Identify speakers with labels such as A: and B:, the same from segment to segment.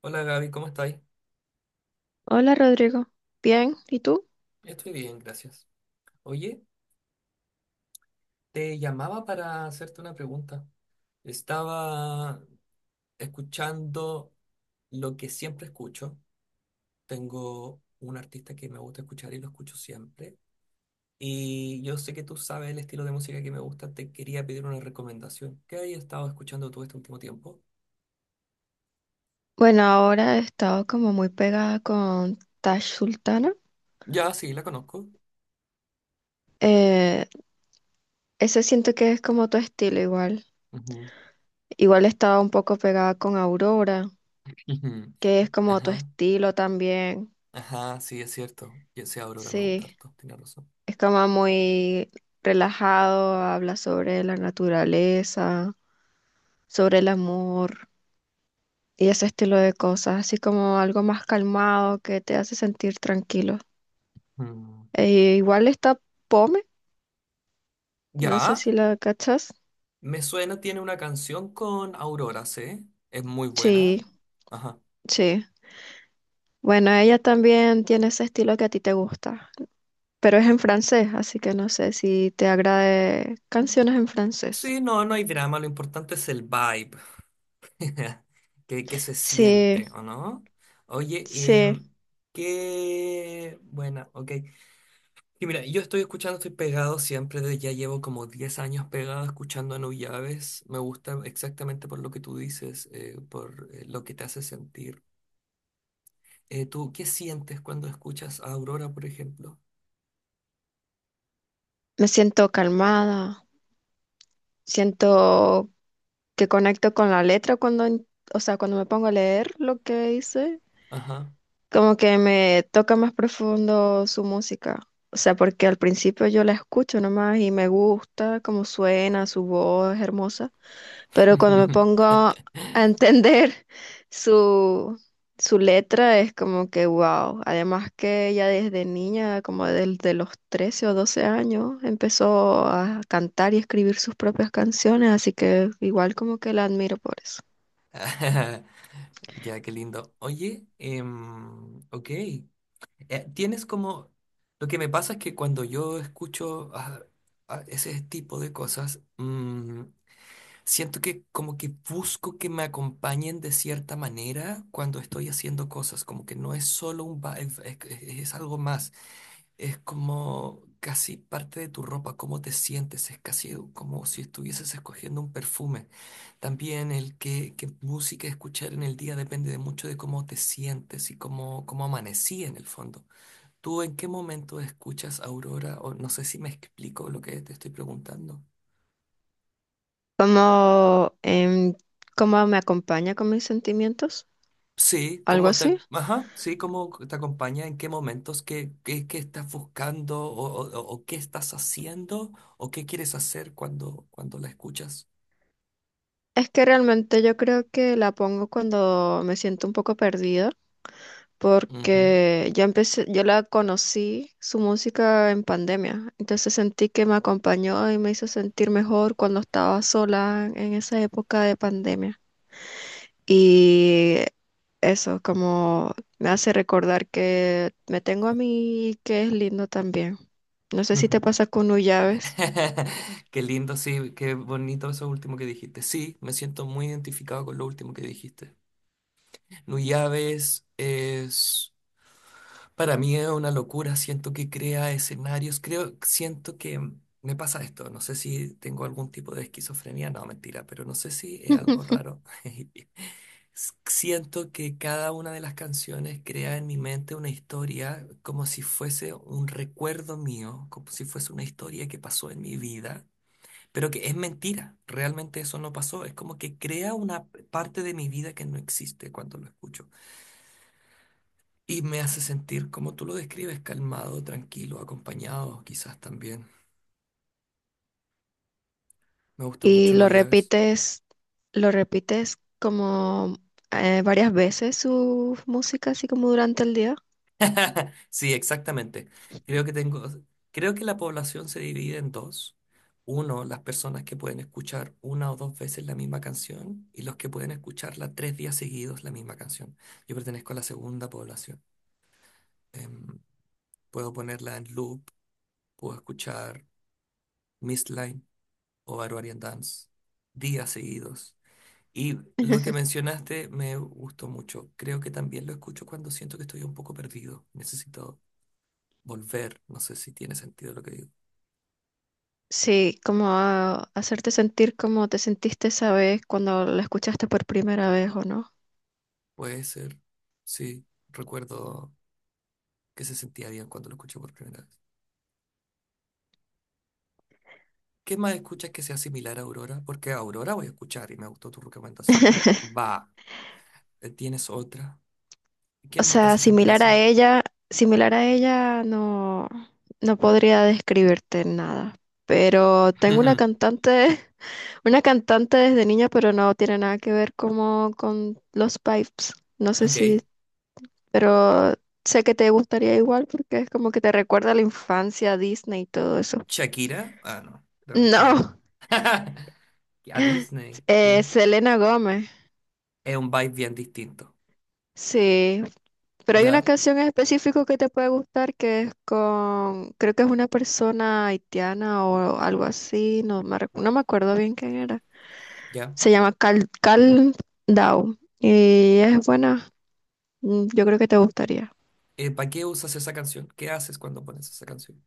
A: Hola Gaby, ¿cómo estáis?
B: Hola Rodrigo, bien, ¿y tú?
A: Estoy bien, gracias. Oye, te llamaba para hacerte una pregunta. Estaba escuchando lo que siempre escucho. Tengo un artista que me gusta escuchar y lo escucho siempre. Y yo sé que tú sabes el estilo de música que me gusta. Te quería pedir una recomendación. ¿Qué has estado escuchando tú este último tiempo?
B: Bueno, ahora he estado como muy pegada con Tash Sultana.
A: Ya, sí, la conozco.
B: Eh, Ese siento que es como tu estilo igual.
A: Ujú.
B: Igual estaba un poco pegada con Aurora,
A: Ujú.
B: que es como tu
A: Ajá,
B: estilo también.
A: ajá, sí, es cierto. Ya sé, Aurora me gusta
B: Sí,
A: harto, tienes razón.
B: es como muy relajado, habla sobre la naturaleza, sobre el amor y ese estilo de cosas, así como algo más calmado que te hace sentir tranquilo.
A: Mm.
B: E igual está Pome. No sé
A: ¿Ya?
B: si la cachas.
A: Me suena, tiene una canción con Aurora, ¿sí? Es muy buena.
B: Sí,
A: Ajá.
B: sí. Bueno, ella también tiene ese estilo que a ti te gusta, pero es en francés, así que no sé si te agrade canciones en francés.
A: Sí, no, no hay drama, lo importante es el vibe, que se
B: Sí,
A: siente, ¿o no? Oye,
B: sí.
A: qué buena, ok. Y mira, yo estoy escuchando, estoy pegado siempre, ya llevo como 10 años pegado escuchando a No me gusta exactamente por lo que tú dices, por lo que te hace sentir. ¿Tú qué sientes cuando escuchas a Aurora, por ejemplo?
B: Me siento calmada, siento que conecto con la letra o sea, cuando me pongo a leer lo que dice,
A: Ajá.
B: como que me toca más profundo su música. O sea, porque al principio yo la escucho nomás y me gusta cómo suena, su voz es hermosa, pero cuando me pongo a entender su, su letra es como que wow. Además que ella desde niña, como desde los 13 o 12 años, empezó a cantar y escribir sus propias canciones, así que igual como que la admiro por eso.
A: Ya, qué lindo. Oye, ok. Tienes como... Lo que me pasa es que cuando yo escucho ese tipo de cosas, siento que como que busco que me acompañen de cierta manera cuando estoy haciendo cosas, como que no es solo un vibe, es algo más. Es como casi parte de tu ropa, cómo te sientes, es casi como si estuvieses escogiendo un perfume. También qué música escuchar en el día depende de mucho de cómo te sientes y cómo amanecí en el fondo. ¿Tú en qué momento escuchas Aurora? O no sé si me explico lo que te estoy preguntando.
B: ¿Cómo, cómo me acompaña con mis sentimientos?
A: Sí,
B: ¿Algo así?
A: cómo te acompaña, en qué momentos, qué estás buscando o qué estás haciendo o qué quieres hacer cuando la escuchas.
B: Es que realmente yo creo que la pongo cuando me siento un poco perdida porque ya empecé, yo la conocí su música en pandemia, entonces sentí que me acompañó y me hizo sentir mejor cuando estaba sola en esa época de pandemia. Y eso, como me hace recordar que me tengo a mí y que es lindo también. No sé si te
A: Ujú.
B: pasa con Ullaves.
A: Qué lindo, sí, qué bonito eso último que dijiste. Sí, me siento muy identificado con lo último que dijiste. Nuyaves es, para mí es una locura, siento que crea escenarios, creo, siento que me pasa esto, no sé si tengo algún tipo de esquizofrenia, no, mentira, pero no sé si es algo raro. Siento que cada una de las canciones crea en mi mente una historia como si fuese un recuerdo mío, como si fuese una historia que pasó en mi vida. Pero que es mentira, realmente eso no pasó. Es como que crea una parte de mi vida que no existe cuando lo escucho. Y me hace sentir, como tú lo describes, calmado, tranquilo, acompañado, quizás también. Me gusta
B: Y
A: mucho No Llaves.
B: lo repites como varias veces su música, así como durante el día.
A: Sí, exactamente. Creo que tengo, creo que la población se divide en dos. Uno, las personas que pueden escuchar una o dos veces la misma canción y los que pueden escucharla 3 días seguidos la misma canción. Yo pertenezco a la segunda población. Em, puedo ponerla en loop, puedo escuchar Miss Line o Barbarian Dance días seguidos. Y lo que mencionaste me gustó mucho. Creo que también lo escucho cuando siento que estoy un poco perdido. Necesito volver. No sé si tiene sentido lo que digo.
B: Sí, como hacerte sentir como te sentiste esa vez cuando la escuchaste por primera vez o no.
A: Puede ser. Sí, recuerdo que se sentía bien cuando lo escuché por primera vez. ¿Qué más escuchas que sea similar a Aurora? Porque a Aurora voy a escuchar y me gustó tu recomendación. Va, tienes otra.
B: O
A: ¿Quién más te hace
B: sea,
A: sentir así?
B: similar a ella no, no podría describirte nada. Pero tengo una cantante, una cantante desde niña, pero no tiene nada que ver como con los pipes. No sé
A: Ok.
B: si, pero sé que te gustaría igual porque es como que te recuerda a la infancia, Disney y todo eso.
A: Shakira. Ah, no. Dame quién.
B: No,
A: A Disney. ¿Quién?
B: Selena Gómez.
A: Es un vibe bien distinto.
B: Sí, pero hay una
A: Ya,
B: canción en específico que te puede gustar que es con, creo que es una persona haitiana o algo así, no me acuerdo bien quién era.
A: ya.
B: Se llama Cal down y es buena, mm, yo creo que te gustaría.
A: ¿Para qué usas esa canción? ¿Qué haces cuando pones esa canción?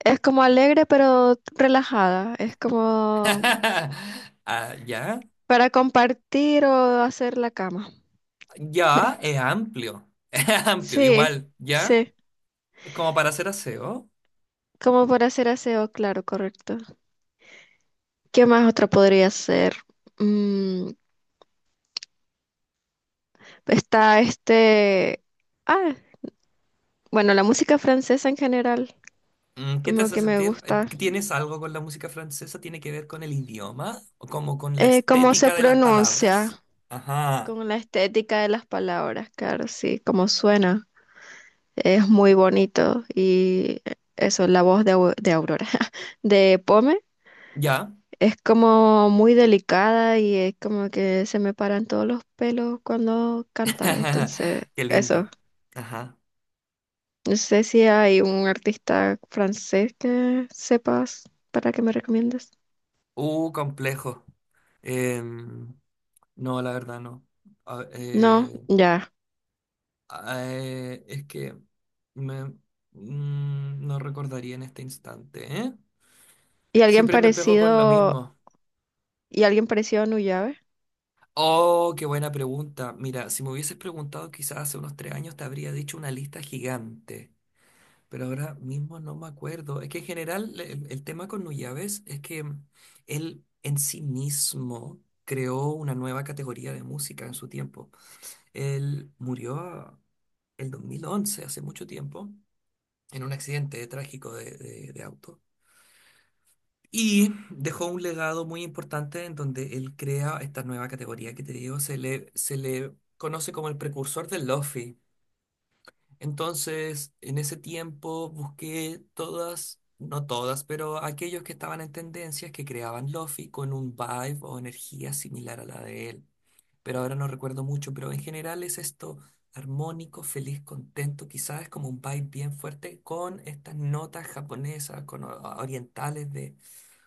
B: Es como alegre pero relajada, es como
A: Ah, ya.
B: para compartir o hacer la cama.
A: Ya, es amplio. Es amplio,
B: Sí,
A: igual. Ya.
B: sí,
A: Es como para hacer aseo.
B: como para hacer aseo, claro, correcto. ¿Qué más otra podría ser? Mm, está este... Ah, bueno, la música francesa en general,
A: Mm, ¿qué te
B: como
A: hace
B: que me
A: sentir?
B: gusta.
A: ¿Tienes algo con la música francesa? ¿Tiene que ver con el idioma? ¿O como con la
B: Cómo se
A: estética de las palabras?
B: pronuncia,
A: Ajá.
B: con la estética de las palabras, claro, sí, cómo suena. Es muy bonito y eso, la voz de, de Aurora, de Pome,
A: Ya.
B: es como muy delicada y es como que se me paran todos los pelos cuando canta. Entonces,
A: Qué lindo.
B: eso,
A: Ajá.
B: no sé si hay un artista francés que sepas para que me recomiendes.
A: Complejo. Em, no, la verdad no. A-
B: No,
A: eh,
B: ya.
A: es que me, no recordaría en este instante, ¿eh?
B: ¿Y alguien
A: Siempre me pego con lo
B: parecido,
A: mismo.
B: y alguien parecido a Nuyave?
A: Oh, qué buena pregunta. Mira, si me hubieses preguntado quizás hace unos 3 años te habría dicho una lista gigante, pero ahora mismo no me acuerdo. Es que en general el tema con Nuyaves es que él en sí mismo creó una nueva categoría de música en su tiempo. Él murió el 2011, hace mucho tiempo, en un accidente trágico de auto. Y dejó un legado muy importante en donde él crea esta nueva categoría que te digo, se le conoce como el precursor del lofi. Entonces, en ese tiempo busqué todas, no todas, pero aquellos que estaban en tendencias que creaban lofi con un vibe o energía similar a la de él. Pero ahora no recuerdo mucho, pero en general es esto armónico, feliz, contento, quizás es como un vibe bien fuerte con estas notas japonesas, con orientales de,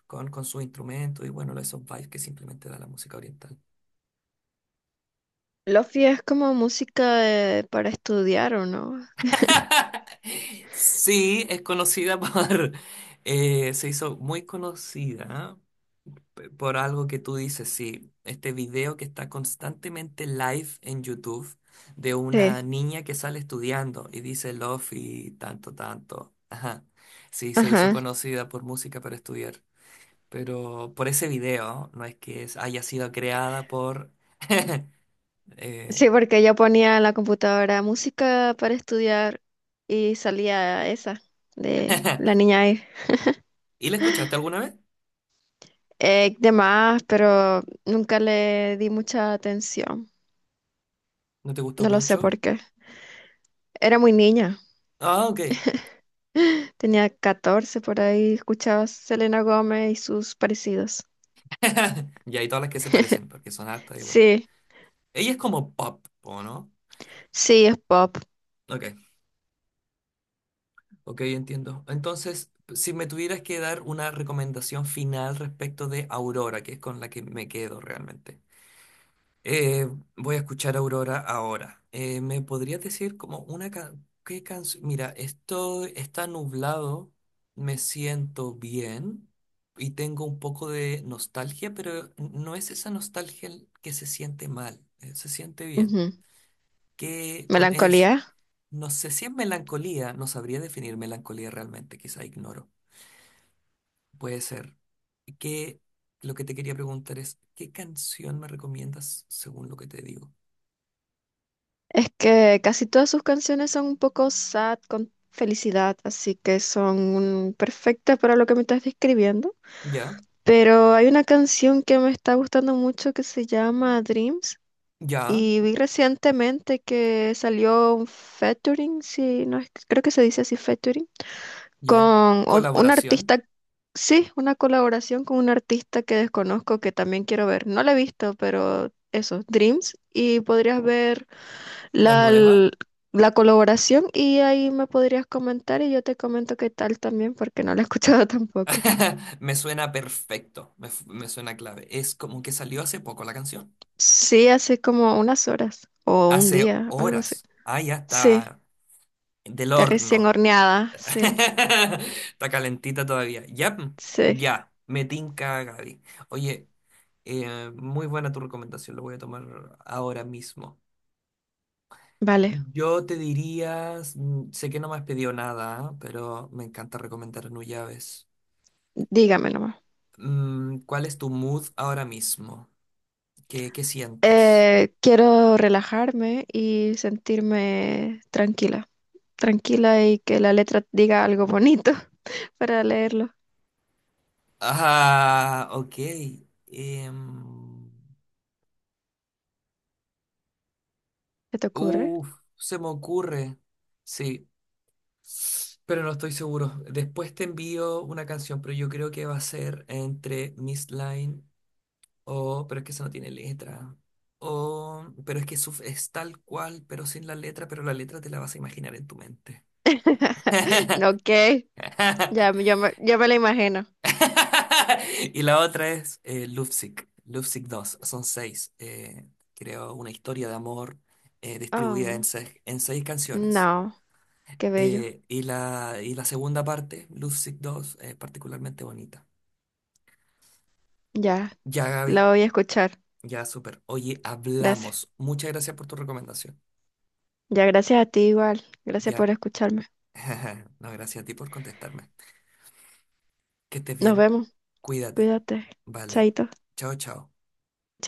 A: con su instrumento y bueno, esos vibes que simplemente da la música oriental.
B: Lofi es como música para estudiar, ¿o no?
A: Sí, es conocida por... se hizo muy conocida por algo que tú dices, sí. Este video que está constantemente live en YouTube de
B: Sí.
A: una niña que sale estudiando y dice love y tanto, tanto. Ajá. Sí, se hizo
B: Ajá.
A: conocida por música para estudiar. Pero por ese video, no es que haya sido creada por... eh,
B: Sí, porque yo ponía en la computadora música para estudiar y salía esa de la niña ahí.
A: ¿Y la escuchaste alguna vez?
B: Demás, pero nunca le di mucha atención.
A: ¿No te gustó
B: No lo sé
A: mucho?
B: por qué. Era muy niña.
A: Ah, ok.
B: Tenía 14 por ahí, escuchaba Selena Gómez y sus parecidos.
A: Y hay todas las que se parecen, porque son hartas igual.
B: Sí,
A: Ella es como pop, ¿o no?
B: sí, es pop.
A: Ok, ok, entiendo. Entonces, si me tuvieras que dar una recomendación final respecto de Aurora, que es con la que me quedo realmente. Eh, voy a escuchar Aurora ahora. ¿Me podrías decir como una qué canción? Mira, esto está nublado, me siento bien y tengo un poco de nostalgia, pero no es esa nostalgia que se siente mal, se siente bien.
B: Ujú.
A: que con es,
B: Melancolía.
A: no sé si es melancolía, no sabría definir melancolía realmente, quizá ignoro. Puede ser. Que lo que te quería preguntar es, ¿qué canción me recomiendas según lo que te digo?
B: Es que casi todas sus canciones son un poco sad con felicidad, así que son perfectas para lo que me estás describiendo.
A: Ya,
B: Pero hay una canción que me está gustando mucho que se llama Dreams
A: ya,
B: y vi recientemente que salió un featuring, sí, no, creo que se dice así,
A: ya.
B: con un
A: Colaboración,
B: artista, sí, una colaboración con un artista que desconozco que también quiero ver. No la he visto, pero eso, Dreams. Y podrías ver
A: la
B: la,
A: nueva.
B: l- la colaboración y ahí me podrías comentar y yo te comento qué tal también porque no la he escuchado tampoco.
A: Me suena perfecto, me suena clave. Es como que salió hace poco la canción.
B: Sí, hace como unas horas o un
A: Hace
B: día, algo así.
A: horas. Ah, ya
B: Sí,
A: está del
B: está recién
A: horno.
B: horneada, sí,
A: Está calentita todavía. Ya,
B: sí.
A: ya, me tinca, Gaby. Oye, muy buena tu recomendación, lo voy a tomar ahora mismo.
B: Vale,
A: Yo te diría, sé que no me has pedido nada, ¿ah? Pero me encanta recomendar Nuyaves.
B: dígame nomás.
A: Mm, ¿cuál es tu mood ahora mismo? ¿Qué sientes?
B: Quiero relajarme y sentirme tranquila, tranquila y que la letra diga algo bonito para leerlo.
A: Ah, ok. Em,
B: ¿Qué te ocurre?
A: uf, se me ocurre. Sí. Pero no estoy seguro. Después te envío una canción, pero yo creo que va a ser entre Miss Line o... Pero es que eso no tiene letra. O... Pero es que es tal cual, pero sin la letra, pero la letra te la vas a imaginar en tu mente.
B: Ok, ya, yo me la imagino.
A: Y la otra es Lovesick. Lovesick 2. Son seis. Creo una historia de amor distribuida en
B: Oh,
A: seis canciones.
B: no, qué bello.
A: Y y la segunda parte, Love Sick 2, es particularmente bonita.
B: Ya,
A: Ya, Gaby,
B: la voy a escuchar.
A: ya, súper. Oye,
B: Gracias.
A: hablamos. Muchas gracias por tu recomendación.
B: Ya, gracias a ti igual. Gracias
A: Ya.
B: por escucharme.
A: No, gracias a ti por contestarme. Que estés
B: Nos
A: bien.
B: vemos.
A: Cuídate.
B: Cuídate.
A: Vale.
B: Chaito.
A: Chao, chao.